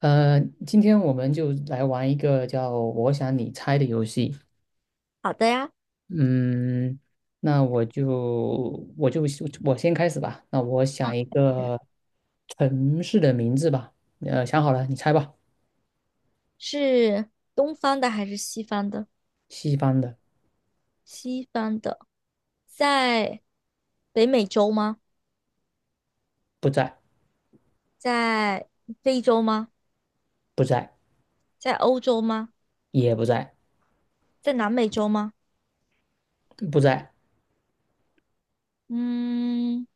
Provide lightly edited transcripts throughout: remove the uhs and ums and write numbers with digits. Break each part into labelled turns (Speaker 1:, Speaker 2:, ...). Speaker 1: 今天我们就来玩一个叫“我想你猜”的游戏。
Speaker 2: 好的呀。
Speaker 1: 嗯，那我就我就我先开始吧。那我想一
Speaker 2: 嗯
Speaker 1: 个城市的名字吧。想好了，你猜吧。
Speaker 2: 是东方的还是西方的？
Speaker 1: 西方的，
Speaker 2: 西方的，在北美洲吗？
Speaker 1: 不在，
Speaker 2: 在非洲吗？
Speaker 1: 不在，
Speaker 2: 在欧洲吗？
Speaker 1: 也不在，
Speaker 2: 在南美洲吗？
Speaker 1: 不在。
Speaker 2: 嗯，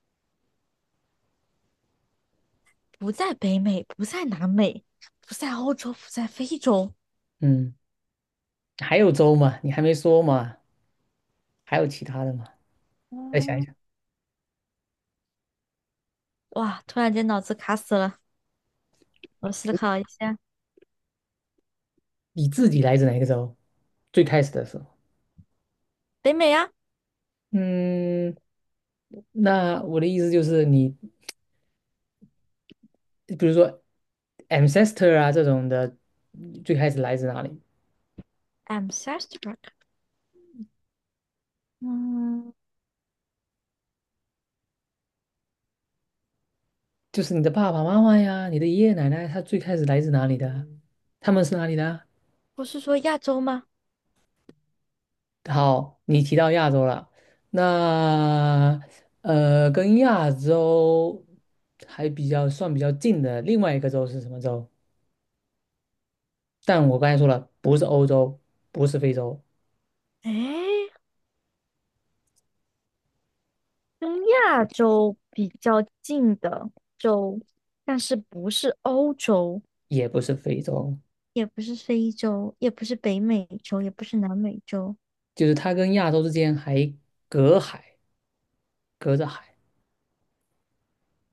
Speaker 2: 不在北美，不在南美，不在欧洲，不在非洲。
Speaker 1: 嗯，还有州吗？你还没说嘛？还有其他的吗？再想一
Speaker 2: 嗯，
Speaker 1: 想，
Speaker 2: 哇，突然间脑子卡死了，我思考一下。
Speaker 1: 你自己来自哪个州？最开始的时候，
Speaker 2: 北美啊
Speaker 1: 嗯，那我的意思就是你。比如说 ancestor 啊这种的，最开始来自哪里？
Speaker 2: ，I'm s t a r s r c k。 嗯，
Speaker 1: 就是你的爸爸妈妈呀，你的爷爷奶奶，他最开始来自哪里的啊，他们是哪里的啊？
Speaker 2: 不是说亚洲吗？
Speaker 1: 好，你提到亚洲了，那跟亚洲还比较算比较近的另外一个洲是什么洲？但我刚才说了，不是欧洲，不是非洲，
Speaker 2: 诶。跟亚洲比较近的洲，但是不是欧洲，
Speaker 1: 也不是非洲，
Speaker 2: 也不是非洲，也不是北美洲，也不是南美洲。
Speaker 1: 就是它跟亚洲之间还隔海，隔着海。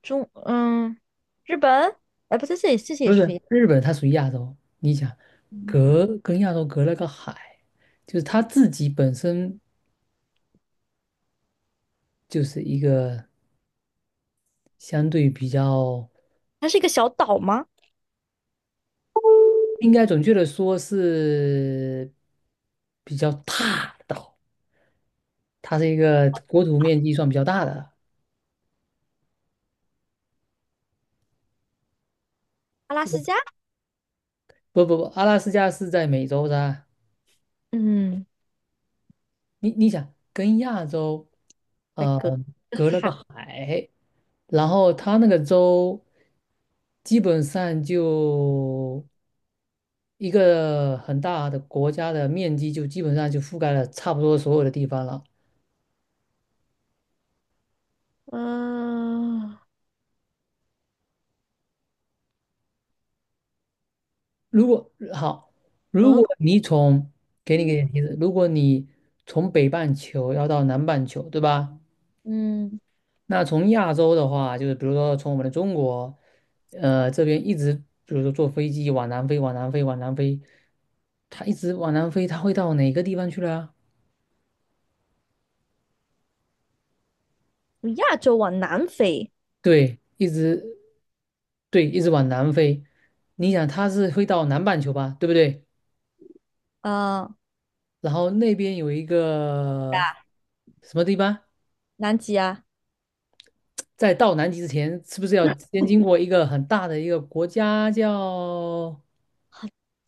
Speaker 2: 中，嗯，日本。哎，不对，这些
Speaker 1: 不
Speaker 2: 也是非
Speaker 1: 是
Speaker 2: 洲。
Speaker 1: 日本，它属于亚洲。你想，
Speaker 2: 嗯，
Speaker 1: 隔跟亚洲隔了个海，就是它自己本身就是一个相对比较，
Speaker 2: 它是一个小岛吗？
Speaker 1: 应该准确的说是比较大的岛，它是一个国土面积算比较大的。
Speaker 2: 阿拉斯加？
Speaker 1: 不不不，阿拉斯加是在美洲的啊。
Speaker 2: 嗯，
Speaker 1: 你想，跟亚洲
Speaker 2: 还
Speaker 1: 呃
Speaker 2: 隔个
Speaker 1: 隔了个
Speaker 2: 海。
Speaker 1: 海，然后它那个州基本上就。一个很大的国家的面积就基本上就覆盖了差不多所有的地方了。
Speaker 2: 呃，
Speaker 1: 如果好，如
Speaker 2: 俄
Speaker 1: 果
Speaker 2: 罗
Speaker 1: 你从给你个
Speaker 2: 斯。
Speaker 1: 点提示，如果你从北半球要到南半球，对吧？
Speaker 2: 嗯，
Speaker 1: 那从亚洲的话，就是比如说从我们的中国，这边一直，比如说坐飞机往南飞，往南飞，往南飞，它一直往南飞，它会到哪个地方去了啊？
Speaker 2: 从亚洲往南飞。
Speaker 1: 对，一直对，一直往南飞。你想它是会到南半球吧，对不对？
Speaker 2: 啊，
Speaker 1: 然后那边有一个什么地方，
Speaker 2: 南极啊。
Speaker 1: 在到南极之前，是不是要 先经过一个很大的一个国家叫？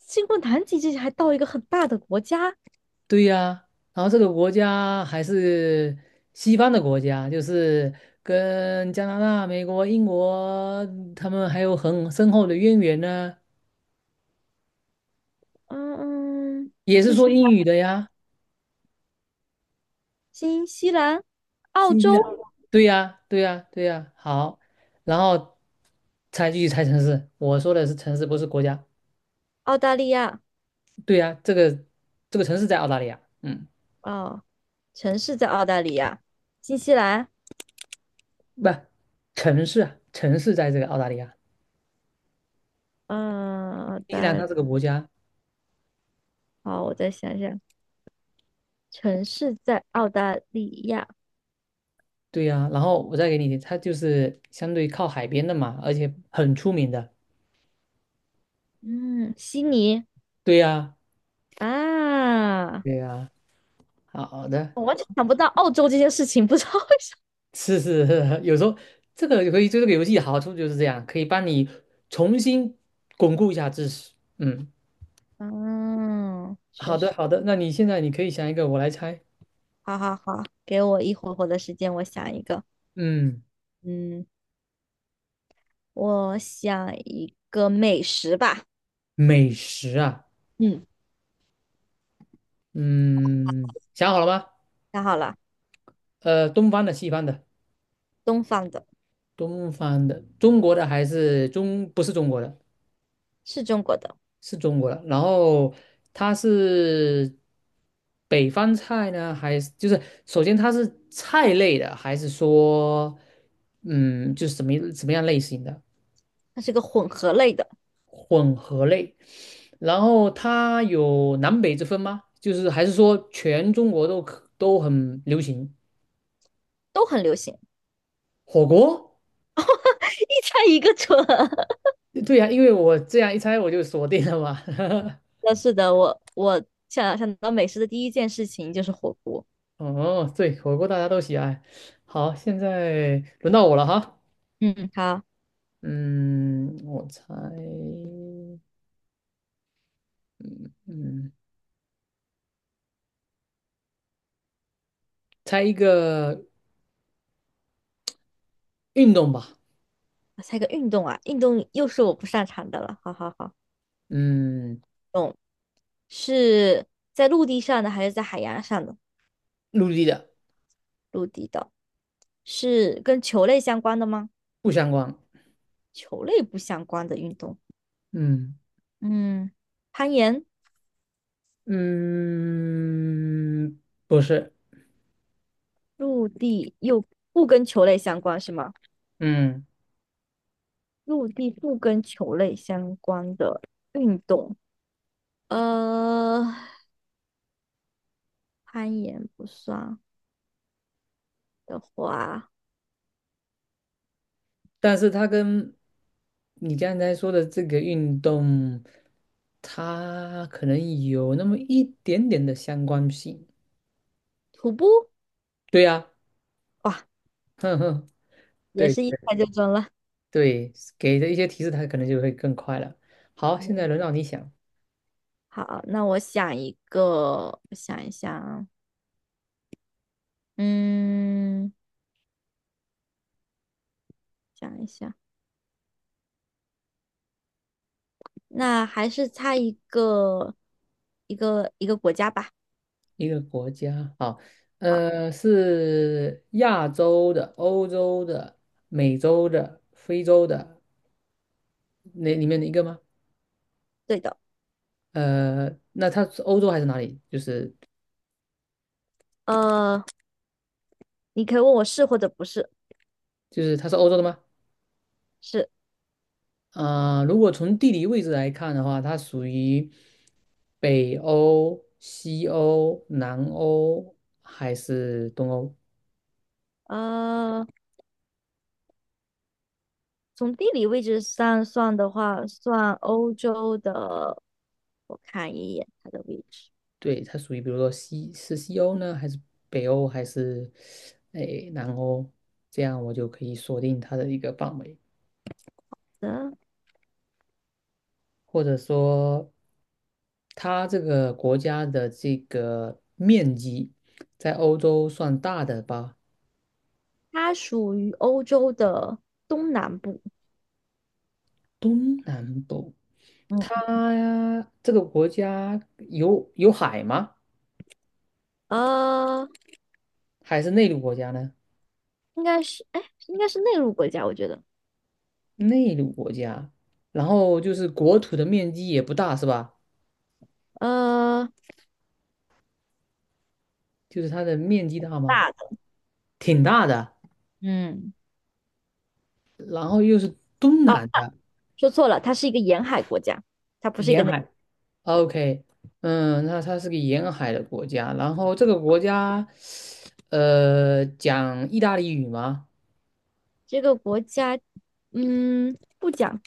Speaker 2: 经过南极这些，还到一个很大的国家。
Speaker 1: 对呀，然后这个国家还是西方的国家，就是跟加拿大、美国、英国他们还有很深厚的渊源呢，
Speaker 2: 嗯嗯。
Speaker 1: 也是说英语的呀。
Speaker 2: 新西兰、澳
Speaker 1: 新西
Speaker 2: 洲、
Speaker 1: 兰，对呀，对呀，对呀，好，然后才继续猜城市。我说的是城市，不是国家。
Speaker 2: 澳大利亚。
Speaker 1: 对呀，这个城市在澳大利亚，嗯，
Speaker 2: 哦，城市在澳大利亚，新西兰，
Speaker 1: 不，城市啊，城市在这个澳大利亚，
Speaker 2: 嗯，澳
Speaker 1: 新西兰
Speaker 2: 大，
Speaker 1: 它是个国家，
Speaker 2: 好，我再想想。城市在澳大利亚。
Speaker 1: 对呀。然后我再给你，它就是相对靠海边的嘛，而且很出名的，
Speaker 2: 嗯，悉尼
Speaker 1: 对呀，
Speaker 2: 啊。
Speaker 1: 对呀。好的，
Speaker 2: 我完全想不到澳洲这件事情，不知道为
Speaker 1: 是是，有时候这个可以，对这个游戏好处就是这样，可以帮你重新巩固一下知识。嗯，
Speaker 2: 什么。嗯，确
Speaker 1: 好的
Speaker 2: 实。
Speaker 1: 好的，那你现在你可以想一个，我来猜。
Speaker 2: 好好好，给我一会儿的时间，我想一个。
Speaker 1: 嗯，
Speaker 2: 嗯，我想一个美食吧。
Speaker 1: 美食啊，
Speaker 2: 嗯，
Speaker 1: 嗯，想好了吗？
Speaker 2: 想好了。
Speaker 1: 东方的、西方的、
Speaker 2: 东方的。
Speaker 1: 东方的、中国的还是中，不是中国的，
Speaker 2: 是中国的，
Speaker 1: 是中国的。然后它是北方菜呢，还是就是首先它是菜类的，还是说嗯，就是什么什么样类型的
Speaker 2: 它是个混合类的，
Speaker 1: 混合类？然后它有南北之分吗？就是还是说全中国都可都很流行
Speaker 2: 都很流行。
Speaker 1: 火锅？
Speaker 2: 一猜一个准。
Speaker 1: 对呀、因为我这样一猜我就锁定了嘛。
Speaker 2: 那是的，我想到美食的第一件事情就是火锅。
Speaker 1: 哦，对，火锅大家都喜爱。好，现在轮到我了哈。
Speaker 2: 嗯，好，
Speaker 1: 嗯，我猜，嗯，猜一个运动吧。
Speaker 2: 我猜个运动啊，运动又是我不擅长的了。好好好。
Speaker 1: 嗯，
Speaker 2: 懂是在陆地上的还是在海洋上的？
Speaker 1: 陆地的，
Speaker 2: 陆地的，是跟球类相关的吗？
Speaker 1: 不相关。
Speaker 2: 球类不相关的运动。
Speaker 1: 嗯
Speaker 2: 嗯，攀岩。
Speaker 1: 嗯，不是。
Speaker 2: 陆地又不跟球类相关是吗？
Speaker 1: 嗯，
Speaker 2: 陆地不跟球类相关的运动。呃，攀岩不算的话，
Speaker 1: 但是它跟你刚才说的这个运动，它可能有那么一点点的相关性。
Speaker 2: 徒步。
Speaker 1: 对呀、
Speaker 2: 哇，
Speaker 1: 哼哼。
Speaker 2: 也
Speaker 1: 对。
Speaker 2: 是一猜就中了。
Speaker 1: 对，给的一些提示，它可能就会更快了。好，现在轮到你想
Speaker 2: 好，那我想一个，我想一想啊。嗯，想一想。那还是猜一个，一个国家吧。
Speaker 1: 一个国家，好，
Speaker 2: 好。
Speaker 1: 是亚洲的、欧洲的、美洲的、非洲的那里面的一个吗？
Speaker 2: 对的。
Speaker 1: 那它是欧洲还是哪里？就是
Speaker 2: 呃，你可以问我是或者不是。
Speaker 1: 就是它是欧洲的吗？
Speaker 2: 是。
Speaker 1: 啊、如果从地理位置来看的话，它属于北欧、西欧、南欧还是东欧？
Speaker 2: 呃，从地理位置上算的话，算欧洲的。我看一眼它的位置。
Speaker 1: 对，它属于比如说西是西欧呢，还是北欧，还是诶南欧？这样我就可以锁定它的一个范围，
Speaker 2: 嗯，
Speaker 1: 或者说它这个国家的这个面积在欧洲算大的吧？
Speaker 2: 它属于欧洲的东南部。
Speaker 1: 东南部，
Speaker 2: 嗯，
Speaker 1: 它这个国家有海吗？
Speaker 2: 呃，
Speaker 1: 还是内陆国家呢？
Speaker 2: 应该是，哎，应该是内陆国家，我觉得。
Speaker 1: 内陆国家，然后就是国土的面积也不大是吧？
Speaker 2: 呃，
Speaker 1: 就是它的面积大吗？
Speaker 2: 大的。
Speaker 1: 挺大的。
Speaker 2: 嗯，
Speaker 1: 然后又是东
Speaker 2: 哦，
Speaker 1: 南的
Speaker 2: 说错了，它是一个沿海国家，它不是一个
Speaker 1: 沿
Speaker 2: 。
Speaker 1: 海，OK，嗯，那它是个沿海的国家，然后这个国家，讲意大利语吗？
Speaker 2: 这个国家，不讲。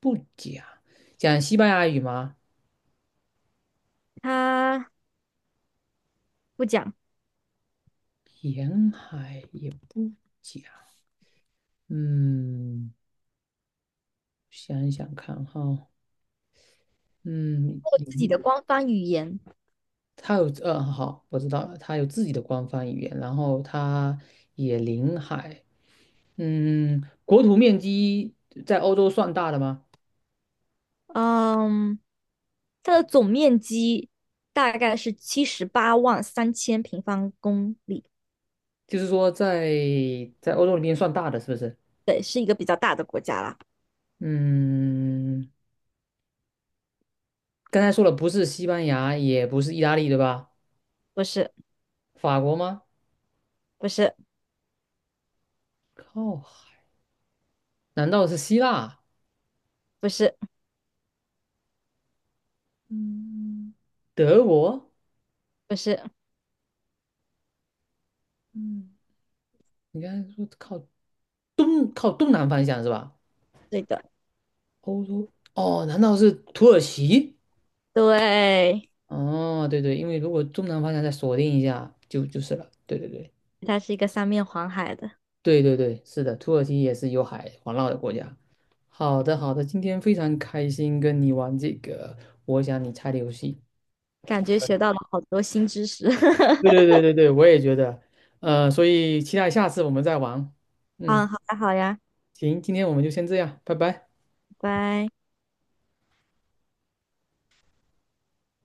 Speaker 1: 不讲，讲西班牙语吗？
Speaker 2: 它不讲。
Speaker 1: 沿海也不讲，嗯，想一想看哈，嗯，
Speaker 2: 它有自己
Speaker 1: 嗯
Speaker 2: 的官方语言。
Speaker 1: 它有，好，我知道了，它有自己的官方语言，然后它也临海，嗯，国土面积在欧洲算大的吗？
Speaker 2: 嗯，它的总面积大概是783,000平方公里。
Speaker 1: 就是说在在欧洲里面算大的，是不是？
Speaker 2: 对，是一个比较大的国家啦。
Speaker 1: 嗯，刚才说了，不是西班牙，也不是意大利，对吧？
Speaker 2: 不是。
Speaker 1: 法国吗？
Speaker 2: 不是。
Speaker 1: 靠海，难道是希腊？
Speaker 2: 不是。
Speaker 1: 嗯德国？
Speaker 2: 不是。
Speaker 1: 嗯，你刚才说靠东靠东南方向是吧？
Speaker 2: 对的。
Speaker 1: 欧洲哦，难道是土耳其？
Speaker 2: 对，
Speaker 1: 哦，对对，因为如果东南方向再锁定一下，就就是了。对对对。
Speaker 2: 它是一个三面环海的。
Speaker 1: 对对对，是的，土耳其也是有海环绕的国家。好的好的，今天非常开心跟你玩这个我想你猜的游戏。
Speaker 2: 感觉学到了好多新知识。
Speaker 1: 对对 对对对，我也觉得，所以期待下次我们再玩。嗯，
Speaker 2: 嗯，好呀，好呀，
Speaker 1: 行，今天我们就先这样，拜拜。
Speaker 2: 拜拜。